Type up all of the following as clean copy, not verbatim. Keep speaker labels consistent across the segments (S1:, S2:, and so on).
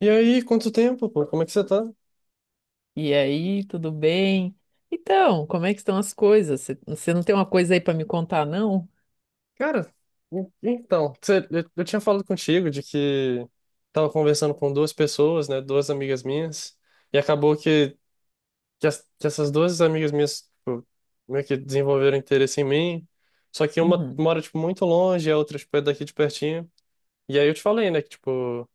S1: E aí, quanto tempo, pô? Como é que você tá?
S2: E aí, tudo bem? Então, como é que estão as coisas? Você não tem uma coisa aí para me contar, não?
S1: Cara, então, eu tinha falado contigo de que tava conversando com duas pessoas, né? Duas amigas minhas, e acabou que essas duas amigas minhas, tipo, meio que desenvolveram interesse em mim, só que uma
S2: Uhum.
S1: mora, tipo, muito longe, e a outra, tipo, é daqui de pertinho. E aí eu te falei, né, que, tipo,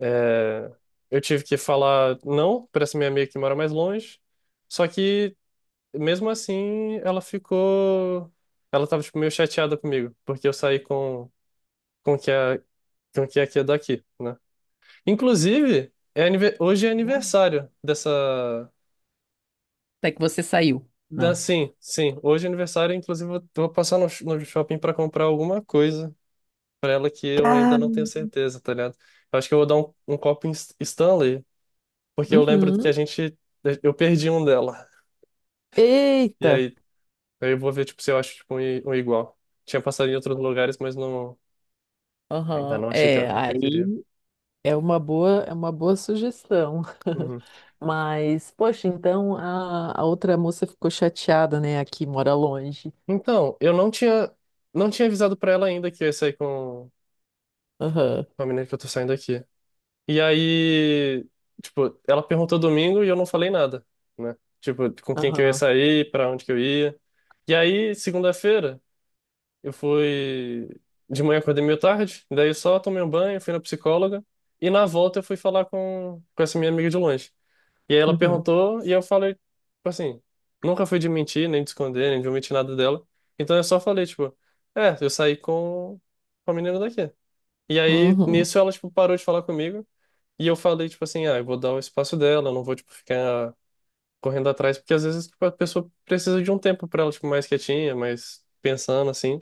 S1: é, eu tive que falar não pra essa minha amiga que mora mais longe, só que, mesmo assim, ela ficou. Ela tava, tipo, meio chateada comigo, porque eu saí com o que é, com o que é aqui é daqui, né? Inclusive, hoje é aniversário dessa.
S2: Até que você saiu. Não.
S1: Sim, sim, hoje é aniversário, inclusive eu vou passar no shopping pra comprar alguma coisa pra ela que eu ainda
S2: Ah.
S1: não tenho certeza, tá ligado? Eu acho que eu vou dar um copo em Stanley, porque eu lembro que a
S2: Uhum.
S1: gente. Eu perdi um dela. E
S2: Eita!
S1: aí, aí eu vou ver, tipo, se eu acho, tipo, um igual. Tinha passado em outros lugares, mas não. Ainda
S2: Aham.
S1: não achei que era
S2: É,
S1: porque eu queria.
S2: aí É uma boa, é uma boa sugestão.
S1: Uhum.
S2: Mas, poxa, então a outra moça ficou chateada, né? Aqui mora longe.
S1: Então, eu não tinha avisado pra ela ainda que eu ia sair com,
S2: Aham.
S1: com a menina que eu tô saindo aqui. E aí, tipo, ela perguntou domingo e eu não falei nada, né? Tipo, com quem que eu ia
S2: Aham.
S1: sair, pra onde que eu ia. E aí, segunda-feira, eu fui. De manhã acordei meio tarde, daí eu só tomei um banho, fui na psicóloga. E na volta eu fui falar com essa minha amiga de longe. E aí ela
S2: Uhum.
S1: perguntou e eu falei, tipo assim, nunca fui de mentir, nem de esconder, nem de omitir nada dela. Então eu só falei, tipo, eu saí com a menina daqui. E aí
S2: Uhum.
S1: nisso ela, tipo, parou de falar comigo. E eu falei, tipo assim, ah, eu vou dar o espaço dela, eu não vou, tipo, ficar correndo atrás, porque às vezes, tipo, a pessoa precisa de um tempo pra ela, tipo, mais quietinha, mais pensando, assim.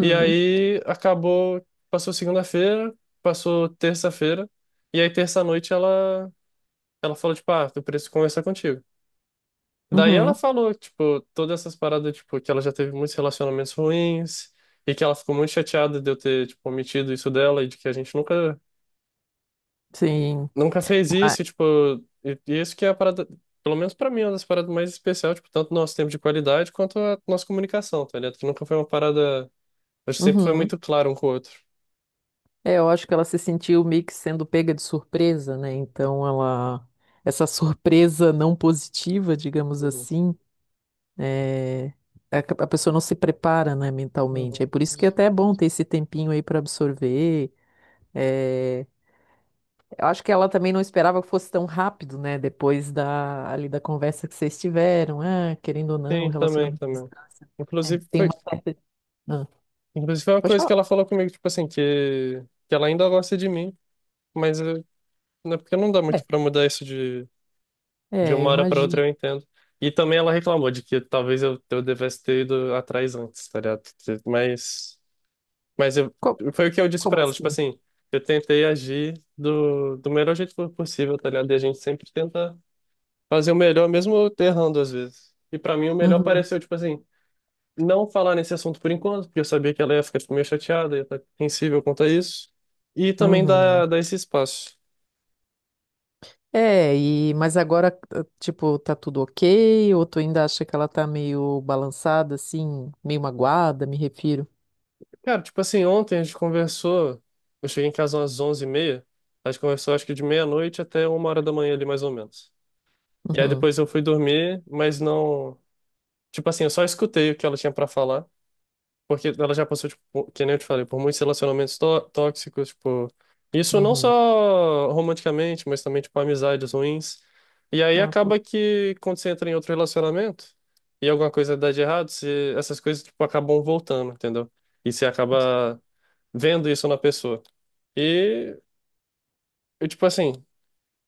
S1: E aí acabou, passou segunda-feira, passou terça-feira. E aí terça-noite ela falou, tipo, ah, eu preciso conversar contigo. Daí ela
S2: Uhum.
S1: falou, tipo, todas essas paradas, tipo, que ela já teve muitos relacionamentos ruins e que ela ficou muito chateada de eu ter, tipo, omitido isso dela e de que a gente nunca,
S2: Sim.
S1: nunca fez
S2: Mas-
S1: isso, e, tipo, e isso que é a parada, pelo menos pra mim, é uma das paradas mais especiais, tipo, tanto nosso tempo de qualidade quanto a nossa comunicação, tá ligado? Que nunca foi uma parada, a gente sempre foi
S2: Uhum.
S1: muito claro um com o outro.
S2: É, eu acho que ela se sentiu meio que sendo pega de surpresa, né? Essa surpresa não positiva, digamos
S1: Uhum,
S2: assim, é, a, a pessoa não se prepara, né, mentalmente.
S1: uhum.
S2: É por isso que até é bom ter esse tempinho aí para absorver. É, eu acho que ela também não esperava que fosse tão rápido, né? Depois da ali da conversa que vocês tiveram, ah, querendo ou não,
S1: Sim, também,
S2: relacionamento à
S1: também.
S2: distância, é,
S1: Inclusive
S2: tem
S1: foi,
S2: uma certa, ah,
S1: inclusive foi uma
S2: pode
S1: coisa que
S2: falar.
S1: ela falou comigo, tipo assim, que ela ainda gosta de mim, mas né? Porque não dá
S2: É,
S1: muito pra mudar isso de
S2: eu
S1: uma hora pra outra,
S2: imagino.
S1: eu entendo. E também ela reclamou de que talvez eu devesse ter ido atrás antes, tá ligado? Mas, mas eu,
S2: Co-
S1: foi o que eu disse
S2: Como,
S1: pra ela, tipo
S2: assim?
S1: assim, eu tentei agir do melhor jeito possível, tá ligado? E a gente sempre tenta fazer o melhor, mesmo errando às vezes. E pra mim o melhor
S2: Uhum,
S1: pareceu, tipo assim, não falar nesse assunto por enquanto, porque eu sabia que ela ia ficar, tipo, meio chateada, ia estar sensível quanto a isso. E também
S2: uhum.
S1: dar esse espaço.
S2: É, e mas agora, eh, tipo, tá tudo ok? Ou tu ainda acha que ela tá meio balançada, assim, meio magoada, me refiro?
S1: Cara, tipo assim, ontem a gente conversou. Eu cheguei em casa umas 11h30. A gente conversou acho que de meia-noite até 1h da manhã ali, mais ou menos. E aí
S2: Uhum,
S1: depois eu fui dormir, mas não. Tipo assim, eu só escutei o que ela tinha pra falar. Porque ela já passou, tipo, que nem eu te falei, por muitos relacionamentos tóxicos, tipo. Isso não
S2: uhum.
S1: só romanticamente, mas também, tipo, amizades ruins. E aí
S2: Ah,
S1: acaba
S2: pô,
S1: que quando você entra em outro relacionamento e alguma coisa dá de errado, essas coisas, tipo, acabam voltando, entendeu? E você acaba vendo isso na pessoa. E eu, tipo assim,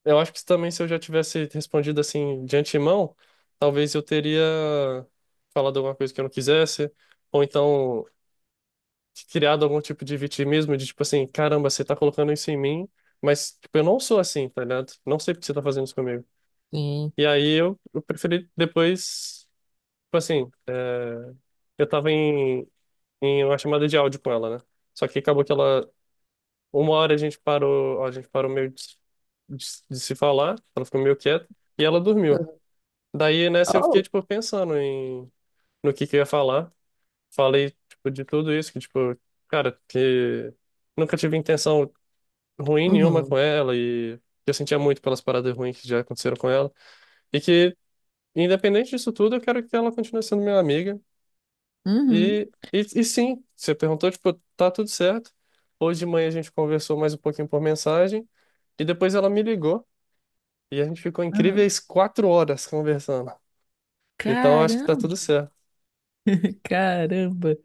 S1: eu acho que também se eu já tivesse respondido assim de antemão, talvez eu teria falado alguma coisa que eu não quisesse, ou então criado algum tipo de vitimismo de tipo assim, caramba, você tá colocando isso em mim, mas tipo, eu não sou assim, tá ligado? Não sei porque você tá fazendo isso comigo.
S2: sim.
S1: E aí eu preferi depois, tipo assim, é, eu tava em uma chamada de áudio com ela, né? Só que acabou que ela. Uma hora a gente parou meio de se falar, ela ficou meio quieta, e ela dormiu. Daí nessa eu fiquei,
S2: Oh,
S1: tipo, pensando no que eu ia falar. Falei, tipo, de tudo isso, que, tipo, cara, que nunca tive intenção ruim nenhuma com
S2: uhum,
S1: ela, e que eu sentia muito pelas paradas ruins que já aconteceram com ela, e que, independente disso tudo, eu quero que ela continue sendo minha amiga.
S2: uhum.
S1: E sim, você perguntou, tipo, tá tudo certo. Hoje de manhã a gente conversou mais um pouquinho por mensagem. E depois ela me ligou. E a gente ficou
S2: Aham.
S1: incríveis 4 horas conversando. Então eu acho que tá
S2: Caramba,
S1: tudo certo.
S2: caramba.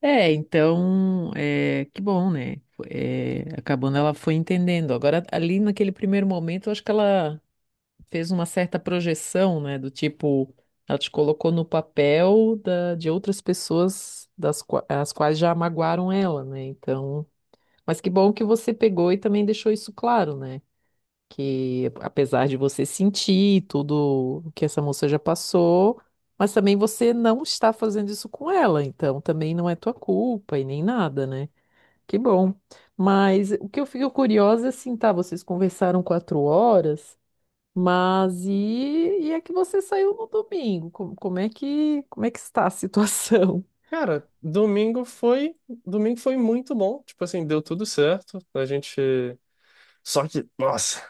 S2: É, então, é, que bom, né? É, acabando, ela foi entendendo. Agora, ali naquele primeiro momento, eu acho que ela fez uma certa projeção, né? Do tipo, ela te colocou no papel da, de outras pessoas das, qua- as quais já magoaram ela, né? Então, mas que bom que você pegou e também deixou isso claro, né? Que apesar de você sentir tudo o que essa moça já passou, mas também você não está fazendo isso com ela, então também não é tua culpa e nem nada, né? Que bom. Mas o que eu fico curiosa é assim, tá? Vocês conversaram quatro horas. Mas e, e é que você saiu no domingo? Como, como é que está a situação?
S1: Cara, domingo foi muito bom. Tipo assim, deu tudo certo. A gente. Só que, nossa.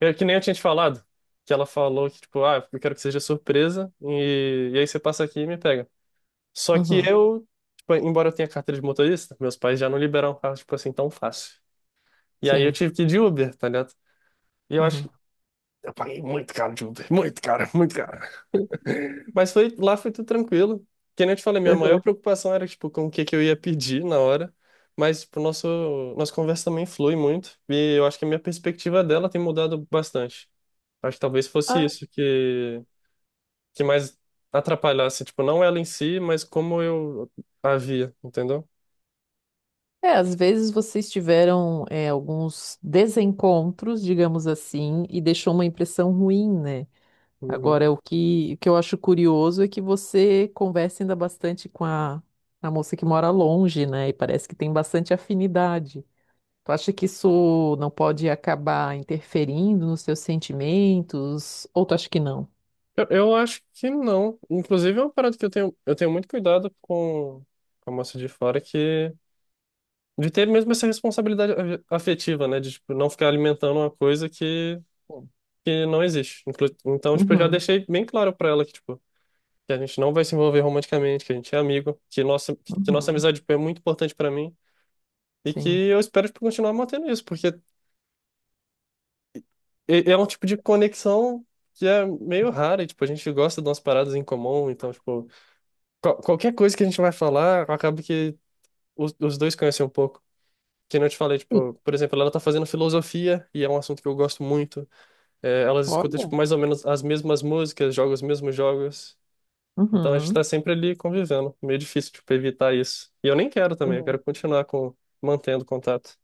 S1: É que nem eu tinha te falado, que ela falou que, tipo, ah, eu quero que seja surpresa, e aí você passa aqui e me pega. Só que
S2: Uhum,
S1: eu, tipo, embora eu tenha carteira de motorista, meus pais já não liberaram carro, tipo assim, tão fácil. E aí eu
S2: sim.
S1: tive que ir de Uber, tá ligado? E eu acho
S2: Uhum.
S1: que eu paguei muito caro de Uber, muito caro, muito caro. Lá foi tudo tranquilo. Que nem eu te falei, minha maior preocupação era, tipo, com o que que eu ia pedir na hora. Mas, tipo, nossa conversa também flui muito, e eu acho que a minha perspectiva dela tem mudado bastante. Acho que talvez fosse
S2: Ah.
S1: isso que mais atrapalhasse, tipo, não ela em si, mas como eu a via, entendeu?
S2: É, às vezes vocês tiveram alguns desencontros, digamos assim, e deixou uma impressão ruim, né?
S1: Uhum.
S2: Agora, o que eu acho curioso é que você conversa ainda bastante com a moça que mora longe, né? E parece que tem bastante afinidade. Tu acha que isso não pode acabar interferindo nos seus sentimentos? Ou tu acha que não?
S1: Eu acho que não. Inclusive, é uma parada que eu tenho muito cuidado com a moça de fora, que de ter mesmo essa responsabilidade afetiva, né? De, tipo, não ficar alimentando uma coisa
S2: Bom,
S1: que não existe. Então, tipo, eu já
S2: uhum,
S1: deixei bem claro pra ela que, tipo, que a gente não vai se envolver romanticamente, que a gente é amigo, que nossa
S2: uhum,
S1: amizade, tipo, é muito importante pra mim. E que
S2: sim.
S1: eu espero, tipo, continuar mantendo isso, porque é um tipo de conexão que é meio rara, e, tipo, a gente gosta de umas paradas em comum, então, tipo, qualquer coisa que a gente vai falar, acaba que os dois conhecem um pouco. Que nem eu te falei,
S2: Sim,
S1: tipo, por exemplo, ela tá fazendo filosofia e é um assunto que eu gosto muito. É, elas escutam,
S2: olha.
S1: tipo, mais ou menos as mesmas músicas, jogam os mesmos jogos. Então a gente tá
S2: Uhum.
S1: sempre ali convivendo. Meio difícil, tipo, evitar isso. E eu nem quero também, eu
S2: Uhum.
S1: quero continuar mantendo contato.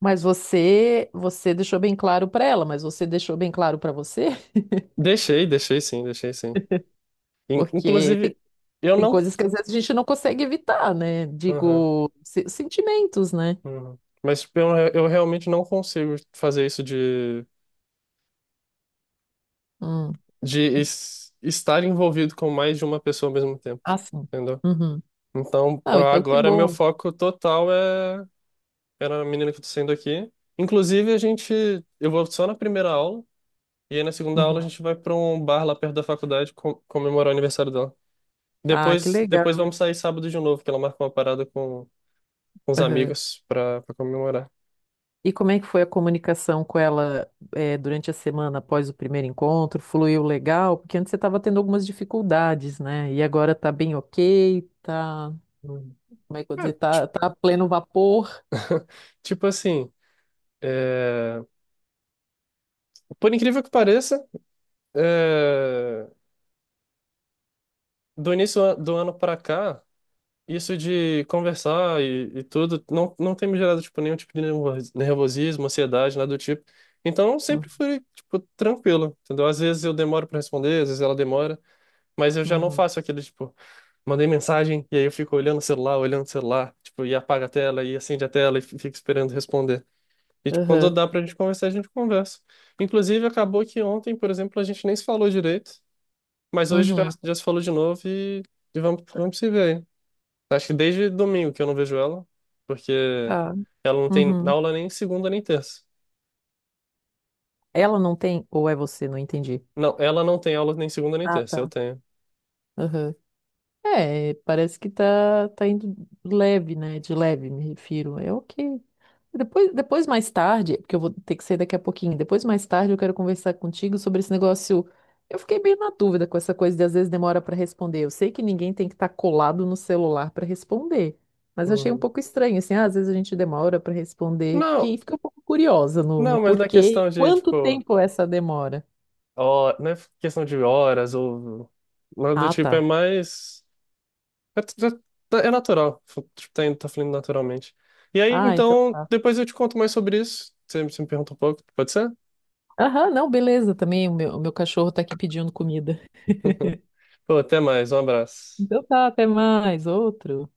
S2: Mas você, você deixou bem claro para ela, mas você deixou bem claro para você?
S1: Deixei, deixei sim, deixei sim.
S2: Porque tem,
S1: Inclusive, eu
S2: tem
S1: não.
S2: coisas que às vezes a gente não consegue evitar, né?
S1: Aham.
S2: Digo, se- sentimentos, né?
S1: Uhum. Mas tipo, eu realmente não consigo fazer isso de,
S2: Hum.
S1: de es- estar envolvido com mais de uma pessoa ao mesmo tempo,
S2: Ah, sim.
S1: entendeu?
S2: Uhum.
S1: Então,
S2: Não, então que
S1: agora meu
S2: bom.
S1: foco total é na menina que eu tô saindo aqui. Inclusive, a gente, eu vou só na primeira aula, e aí na segunda aula a
S2: Uhum.
S1: gente vai pra um bar lá perto da faculdade comemorar o aniversário dela.
S2: Ah, que
S1: Depois,
S2: legal.
S1: vamos sair sábado de novo, que ela marcou uma parada com os
S2: Aham.
S1: amigos pra comemorar.
S2: E como é que foi a comunicação com ela, eh, durante a semana após o primeiro encontro? Fluiu legal? Porque antes você estava tendo algumas dificuldades, né? E agora tá bem ok, tá,
S1: Hum.
S2: como é que eu vou dizer,
S1: Cara,
S2: tá, tá a pleno vapor.
S1: tipo assim, é, por incrível que pareça, é, do início do ano pra cá. Isso de conversar e tudo não tem me gerado, tipo, nenhum tipo de nervosismo, ansiedade, nada do tipo. Então, eu sempre
S2: Uhum,
S1: fui, tipo, tranquilo, entendeu? Às vezes eu demoro para responder, às vezes ela demora, mas eu já não
S2: uhum,
S1: faço aquele, tipo, mandei mensagem e aí eu fico olhando o celular, tipo, e apaga a tela e acende a tela e fico esperando responder. E, tipo, quando
S2: aham,
S1: dá pra gente conversar, a gente conversa. Inclusive, acabou que ontem, por exemplo, a gente nem se falou direito, mas hoje já,
S2: uhum,
S1: já se falou de novo e vamos se ver aí. Acho que desde domingo que eu não vejo ela, porque
S2: tá,
S1: ela não tem
S2: uhum.
S1: aula nem segunda nem terça.
S2: Ela não tem, ou é você? Não entendi.
S1: Não, ela não tem aula nem segunda nem
S2: Ah,
S1: terça, eu
S2: tá.
S1: tenho.
S2: Aham. É, parece que tá, tá indo leve, né? De leve, me refiro. É ok. Depois, depois, mais tarde, porque eu vou ter que sair daqui a pouquinho, depois, mais tarde, eu quero conversar contigo sobre esse negócio. Eu fiquei bem na dúvida com essa coisa de às vezes demora para responder. Eu sei que ninguém tem que estar colado no celular para responder, mas eu achei um
S1: Uhum.
S2: pouco estranho, assim, ah, às vezes a gente demora para responder.
S1: Não,
S2: Fiquei um pouco curiosa no, no
S1: não, mas na
S2: porquê
S1: questão
S2: e
S1: de,
S2: quanto
S1: tipo,
S2: tempo é essa demora.
S1: hora, não é questão de horas ou nada do
S2: Ah,
S1: tipo, é
S2: tá.
S1: mais. É, é- é natural, está tá fluindo naturalmente. E aí,
S2: Ah, então.
S1: então,
S2: Tá.
S1: depois eu te conto mais sobre isso. Você me pergunta um pouco, pode ser?
S2: Aham, não, beleza também. O meu cachorro tá aqui pedindo comida.
S1: Pô, até mais, um abraço.
S2: Então tá, até mais. Outro.